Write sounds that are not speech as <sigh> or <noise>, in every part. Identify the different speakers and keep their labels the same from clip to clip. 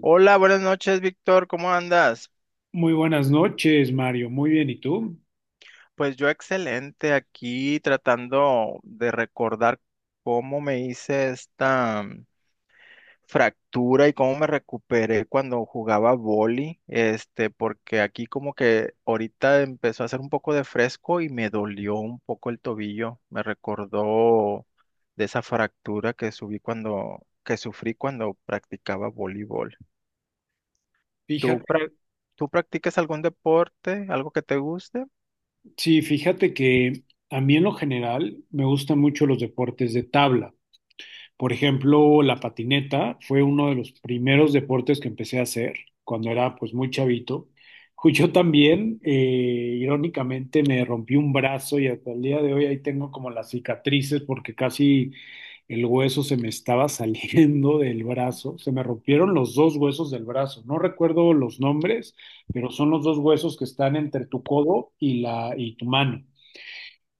Speaker 1: Hola, buenas noches, Víctor, ¿cómo andas?
Speaker 2: Muy buenas noches, Mario. Muy bien, ¿y tú?
Speaker 1: Pues yo excelente aquí tratando de recordar cómo me hice esta fractura y cómo me recuperé cuando jugaba vóley, porque aquí como que ahorita empezó a hacer un poco de fresco y me dolió un poco el tobillo, me recordó de esa fractura que sufrí cuando practicaba voleibol. ¿Tú,
Speaker 2: Fíjate,
Speaker 1: prac- tú practicas algún deporte, algo que te guste?
Speaker 2: sí, fíjate que a mí en lo general me gustan mucho los deportes de tabla. Por ejemplo, la patineta fue uno de los primeros deportes que empecé a hacer cuando era pues muy chavito. Yo también, irónicamente, me rompí un brazo y hasta el día de hoy ahí tengo como las cicatrices porque casi el hueso se me estaba <laughs> saliendo del brazo. Se me rompieron los dos huesos del brazo. No recuerdo los nombres, pero son los dos huesos que están entre tu codo y la y tu mano.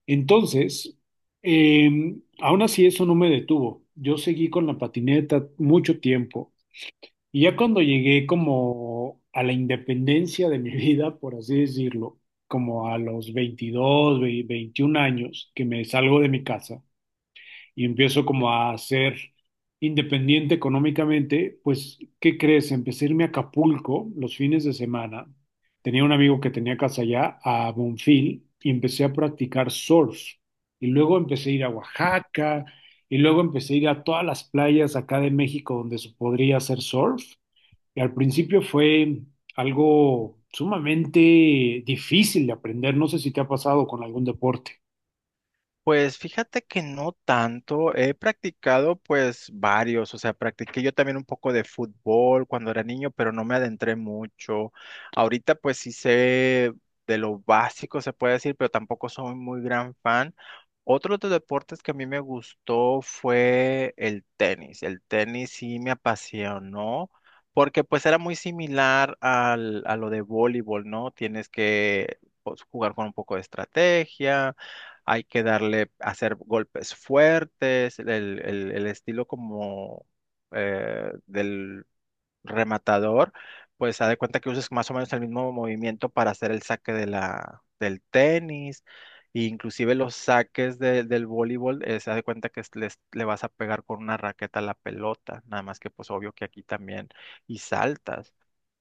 Speaker 2: Entonces, aún así eso no me detuvo. Yo seguí con la patineta mucho tiempo y ya cuando llegué como a la independencia de mi <laughs> vida, por así decirlo, como a los 21 años que me salgo de mi casa, y empiezo como a ser independiente económicamente, pues, ¿qué crees? Empecé a irme a Acapulco los fines de semana. Tenía un amigo que tenía casa allá, a Bonfil, y empecé a practicar surf. Y luego empecé a ir a Oaxaca, y luego empecé a ir a todas las playas acá de México donde se podría hacer surf. Y al principio fue algo sumamente difícil de aprender. No sé si te ha pasado con algún deporte.
Speaker 1: Pues fíjate que no tanto, he practicado pues varios, o sea, practiqué yo también un poco de fútbol cuando era niño, pero no me adentré mucho. Ahorita pues sí sé de lo básico, se puede decir, pero tampoco soy muy gran fan. Otro de los deportes que a mí me gustó fue el tenis. El tenis sí me apasionó porque pues era muy similar a lo de voleibol, ¿no? Tienes que pues, jugar con un poco de estrategia, hay que darle, hacer golpes fuertes, el estilo como del rematador, pues haz de cuenta que uses más o menos el mismo movimiento para hacer el saque del tenis, e inclusive los saques del voleibol, se da de cuenta que le vas a pegar con una raqueta a la pelota, nada más que pues obvio que aquí también, y saltas.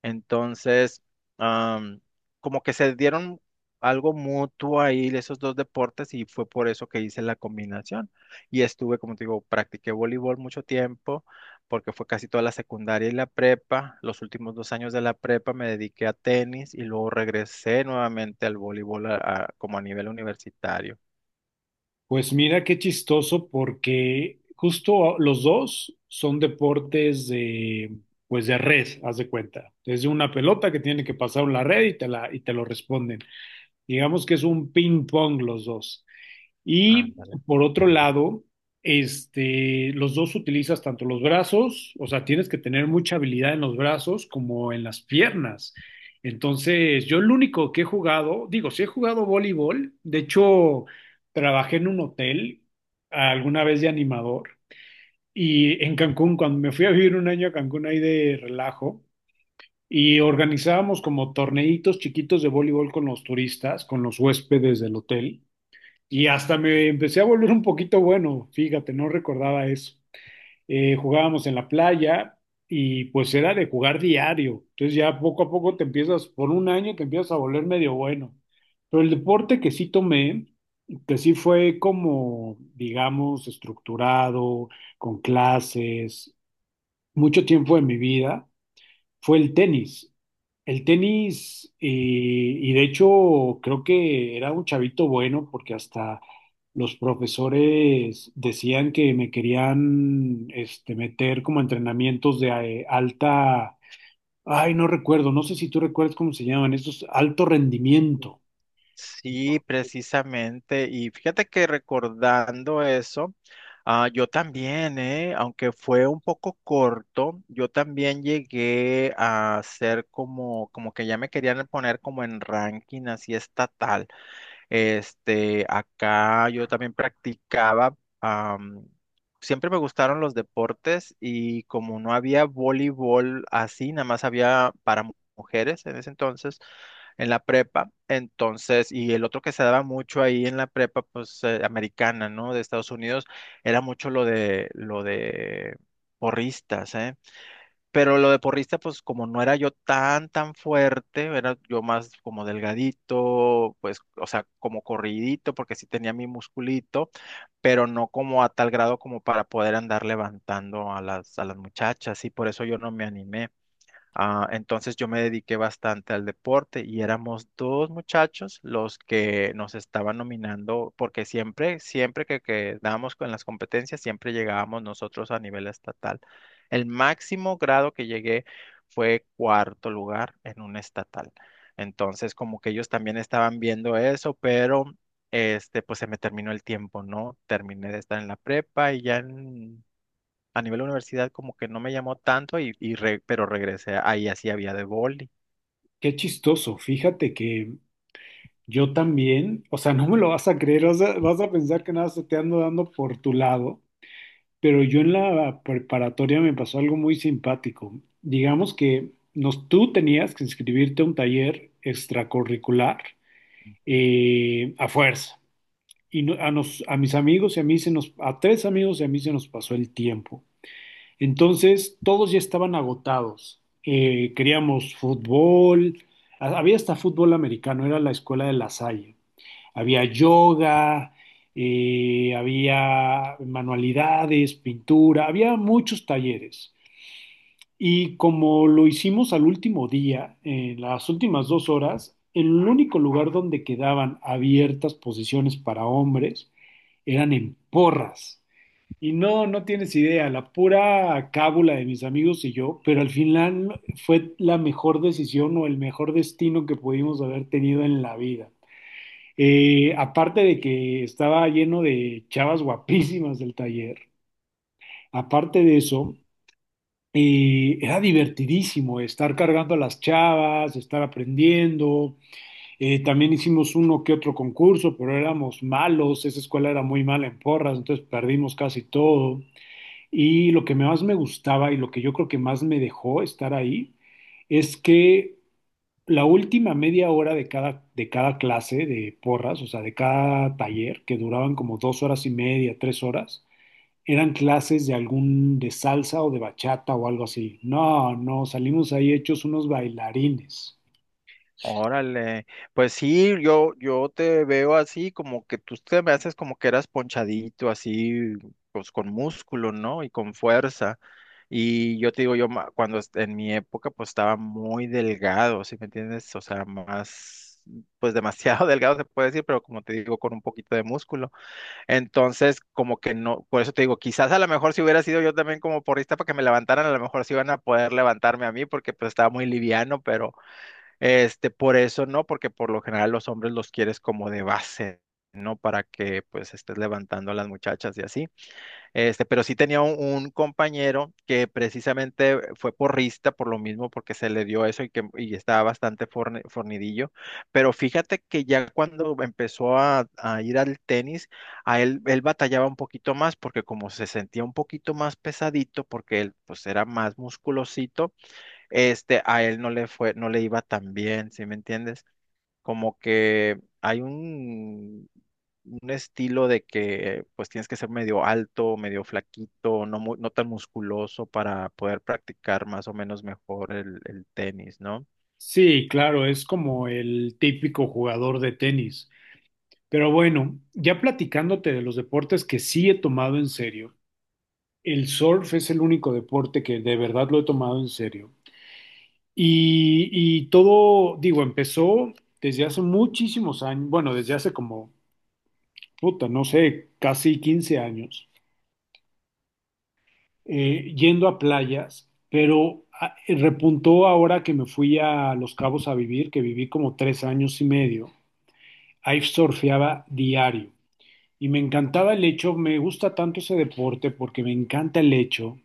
Speaker 1: Entonces, am, como que se dieron algo mutuo ahí esos dos deportes y fue por eso que hice la combinación. Y estuve, como te digo, practiqué voleibol mucho tiempo porque fue casi toda la secundaria y la prepa. Los últimos dos años de la prepa me dediqué a tenis y luego regresé nuevamente al voleibol como a nivel universitario.
Speaker 2: Pues mira qué chistoso porque justo los dos son deportes de, pues de red, haz de cuenta. Es una pelota que tiene que pasar una red y te la, y te lo responden. Digamos que es un ping pong los dos. Y
Speaker 1: Ándale.
Speaker 2: por otro lado, este, los dos utilizas tanto los brazos, o sea, tienes que tener mucha habilidad en los brazos como en las piernas. Entonces, yo lo único que he jugado, digo, sí he jugado voleibol, de hecho, trabajé en un hotel alguna vez de animador y en Cancún, cuando me fui a vivir un año a Cancún ahí de relajo, y organizábamos como torneitos chiquitos de voleibol con los turistas, con los huéspedes del hotel. Y hasta me empecé a volver un poquito bueno, fíjate, no recordaba eso. Jugábamos en la playa y pues era de jugar diario. Entonces ya poco a poco te empiezas, por un año te empiezas a volver medio bueno. Pero el deporte que sí tomé, que sí fue como, digamos, estructurado, con clases, mucho tiempo de mi vida, fue el tenis. El tenis, y de hecho creo que era un chavito bueno porque hasta los profesores decían que me querían este, meter como a entrenamientos de alta, ay, no recuerdo, no sé si tú recuerdas cómo se llaman, estos alto rendimiento.
Speaker 1: Sí, precisamente. Y fíjate que recordando eso, yo también, aunque fue un poco corto, yo también llegué a ser como, que ya me querían poner como en ranking así estatal. Acá yo también practicaba, am, siempre me gustaron los deportes y como no había voleibol así, nada más había para mujeres en ese entonces, en la prepa, entonces, y el otro que se daba mucho ahí en la prepa, pues americana, ¿no? De Estados Unidos, era mucho lo de, porristas, ¿eh? Pero lo de porrista, pues como no era yo tan, tan fuerte, era yo más como delgadito, pues, o sea, como corridito, porque sí tenía mi musculito, pero no como a tal grado como para poder andar levantando a las muchachas, y por eso yo no me animé. Entonces yo me dediqué bastante al deporte y éramos dos muchachos los que nos estaban nominando, porque siempre, siempre que quedábamos con las competencias, siempre llegábamos nosotros a nivel estatal. El máximo grado que llegué fue cuarto lugar en un estatal. Entonces, como que ellos también estaban viendo eso, pero pues se me terminó el tiempo, ¿no? Terminé de estar en la prepa y ya a nivel de universidad como que no me llamó tanto, pero regresé ahí así había de boli.
Speaker 2: Qué chistoso, fíjate que yo también, o sea, no me lo vas a creer, vas a pensar que nada se te ando dando por tu lado. Pero yo en la preparatoria me pasó algo muy simpático. Digamos que nos, tú tenías que inscribirte a un taller extracurricular
Speaker 1: Ujú.
Speaker 2: a fuerza. A mis amigos y a mí se nos, a tres amigos y a mí se nos pasó el tiempo. Entonces todos ya estaban agotados. Queríamos fútbol, había hasta fútbol americano, era la escuela de La Salle. Había yoga, había manualidades, pintura, había muchos talleres. Y como lo hicimos al último día, en las últimas dos horas, el único lugar donde quedaban abiertas posiciones para hombres eran en porras. Y no, no tienes idea, la pura cábula de mis amigos y yo, pero al final fue la mejor decisión o el mejor destino que pudimos haber tenido en la vida. Aparte de que estaba lleno de chavas guapísimas del taller, aparte de eso, era divertidísimo estar cargando a las chavas, estar aprendiendo. También hicimos uno que otro concurso, pero éramos malos. Esa escuela era muy mala en porras, entonces perdimos casi todo. Y lo que más me gustaba y lo que yo creo que más me dejó estar ahí es que la última media hora de cada clase de porras, o sea, de cada taller, que duraban como dos horas y media, tres horas, eran clases de algún, de salsa o de bachata o algo así. No, no, salimos ahí hechos unos bailarines.
Speaker 1: Órale, pues sí, yo te veo así, como que tú te me haces como que eras ponchadito, así, pues con músculo, ¿no? Y con fuerza. Y yo te digo, yo ma- cuando est- en mi época, pues estaba muy delgado, ¿sí me entiendes? O sea, más, pues demasiado <laughs> delgado se puede decir, pero como te digo, con un poquito de músculo. Entonces, como que no, por eso te digo, quizás a lo mejor si hubiera sido yo también como porrista para que me levantaran, a lo mejor sí iban a poder levantarme a mí porque pues estaba muy liviano, pero por eso no, porque por lo general los hombres los quieres como de base, ¿no? Para que pues estés levantando a las muchachas y así. Pero sí tenía un, compañero que precisamente fue porrista por lo mismo, porque se le dio eso y estaba bastante fornidillo. Pero fíjate que ya cuando empezó a ir al tenis, a él, él batallaba un poquito más, porque como se sentía un poquito más pesadito, porque él pues era más musculosito, a él no le iba tan bien, ¿sí me entiendes? Como que hay un, estilo de que pues tienes que ser medio alto, medio flaquito, no tan musculoso para poder practicar más o menos mejor el tenis, ¿no?
Speaker 2: Sí, claro, es como el típico jugador de tenis. Pero bueno, ya platicándote de los deportes que sí he tomado en serio, el surf es el único deporte que de verdad lo he tomado en serio. Y todo, digo, empezó desde hace muchísimos años, bueno, desde hace como, puta, no sé, casi 15 años, yendo a playas, pero ah, repuntó ahora que me fui a Los Cabos a vivir, que viví como 3 años y medio. Ahí surfeaba diario y me encantaba el hecho, me gusta tanto ese deporte porque me encanta el hecho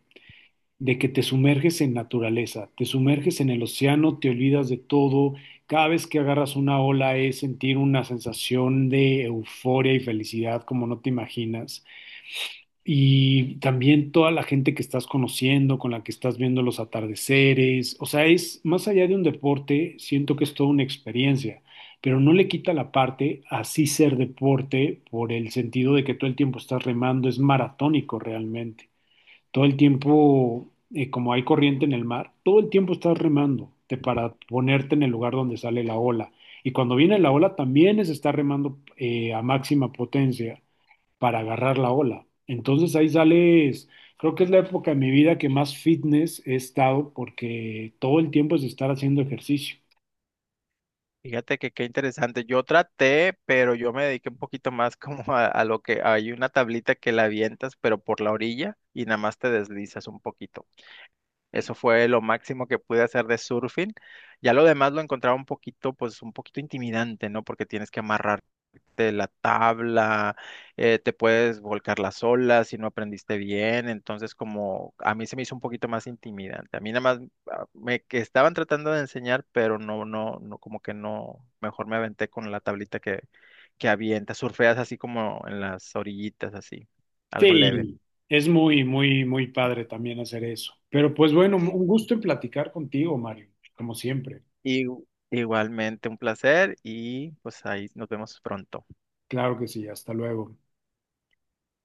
Speaker 2: de que te sumerges en naturaleza, te sumerges en el océano, te olvidas de todo. Cada vez que agarras una ola es sentir una sensación de euforia y felicidad como no te imaginas. Y también toda la gente que estás conociendo, con la que estás viendo los atardeceres. O sea, es más allá de un deporte, siento que es toda una experiencia, pero no le quita la parte así ser deporte por el sentido de que todo el tiempo estás remando, es maratónico realmente todo el tiempo, como hay corriente en el mar, todo el tiempo estás remando para ponerte en el lugar donde sale la ola. Y cuando viene la ola, también es estar remando a máxima potencia para agarrar la ola. Entonces ahí sales, creo que es la época de mi vida que más fitness he estado porque todo el tiempo es estar haciendo ejercicio.
Speaker 1: Fíjate que qué interesante. Yo traté, pero yo me dediqué un poquito más <laughs> como a lo que hay una tablita que la avientas, pero por la orilla y nada más te deslizas un poquito. Eso fue lo máximo que pude hacer de surfing. Ya lo demás lo encontraba un poquito, pues un poquito intimidante, ¿no? Porque tienes que amarrar de la tabla, te puedes volcar las olas si no aprendiste bien, entonces como a mí se me hizo un poquito más intimidante. A mí nada más me que estaban tratando de enseñar, pero no, no, no, como que no, mejor me aventé con la tablita que, avienta, surfeas así como en las orillitas, así, algo leve.
Speaker 2: Sí, es muy, muy, muy padre también hacer eso. Pero pues bueno, un gusto en platicar contigo, Mario, como siempre.
Speaker 1: Y igualmente un placer y pues ahí nos vemos pronto.
Speaker 2: Claro que sí, hasta luego.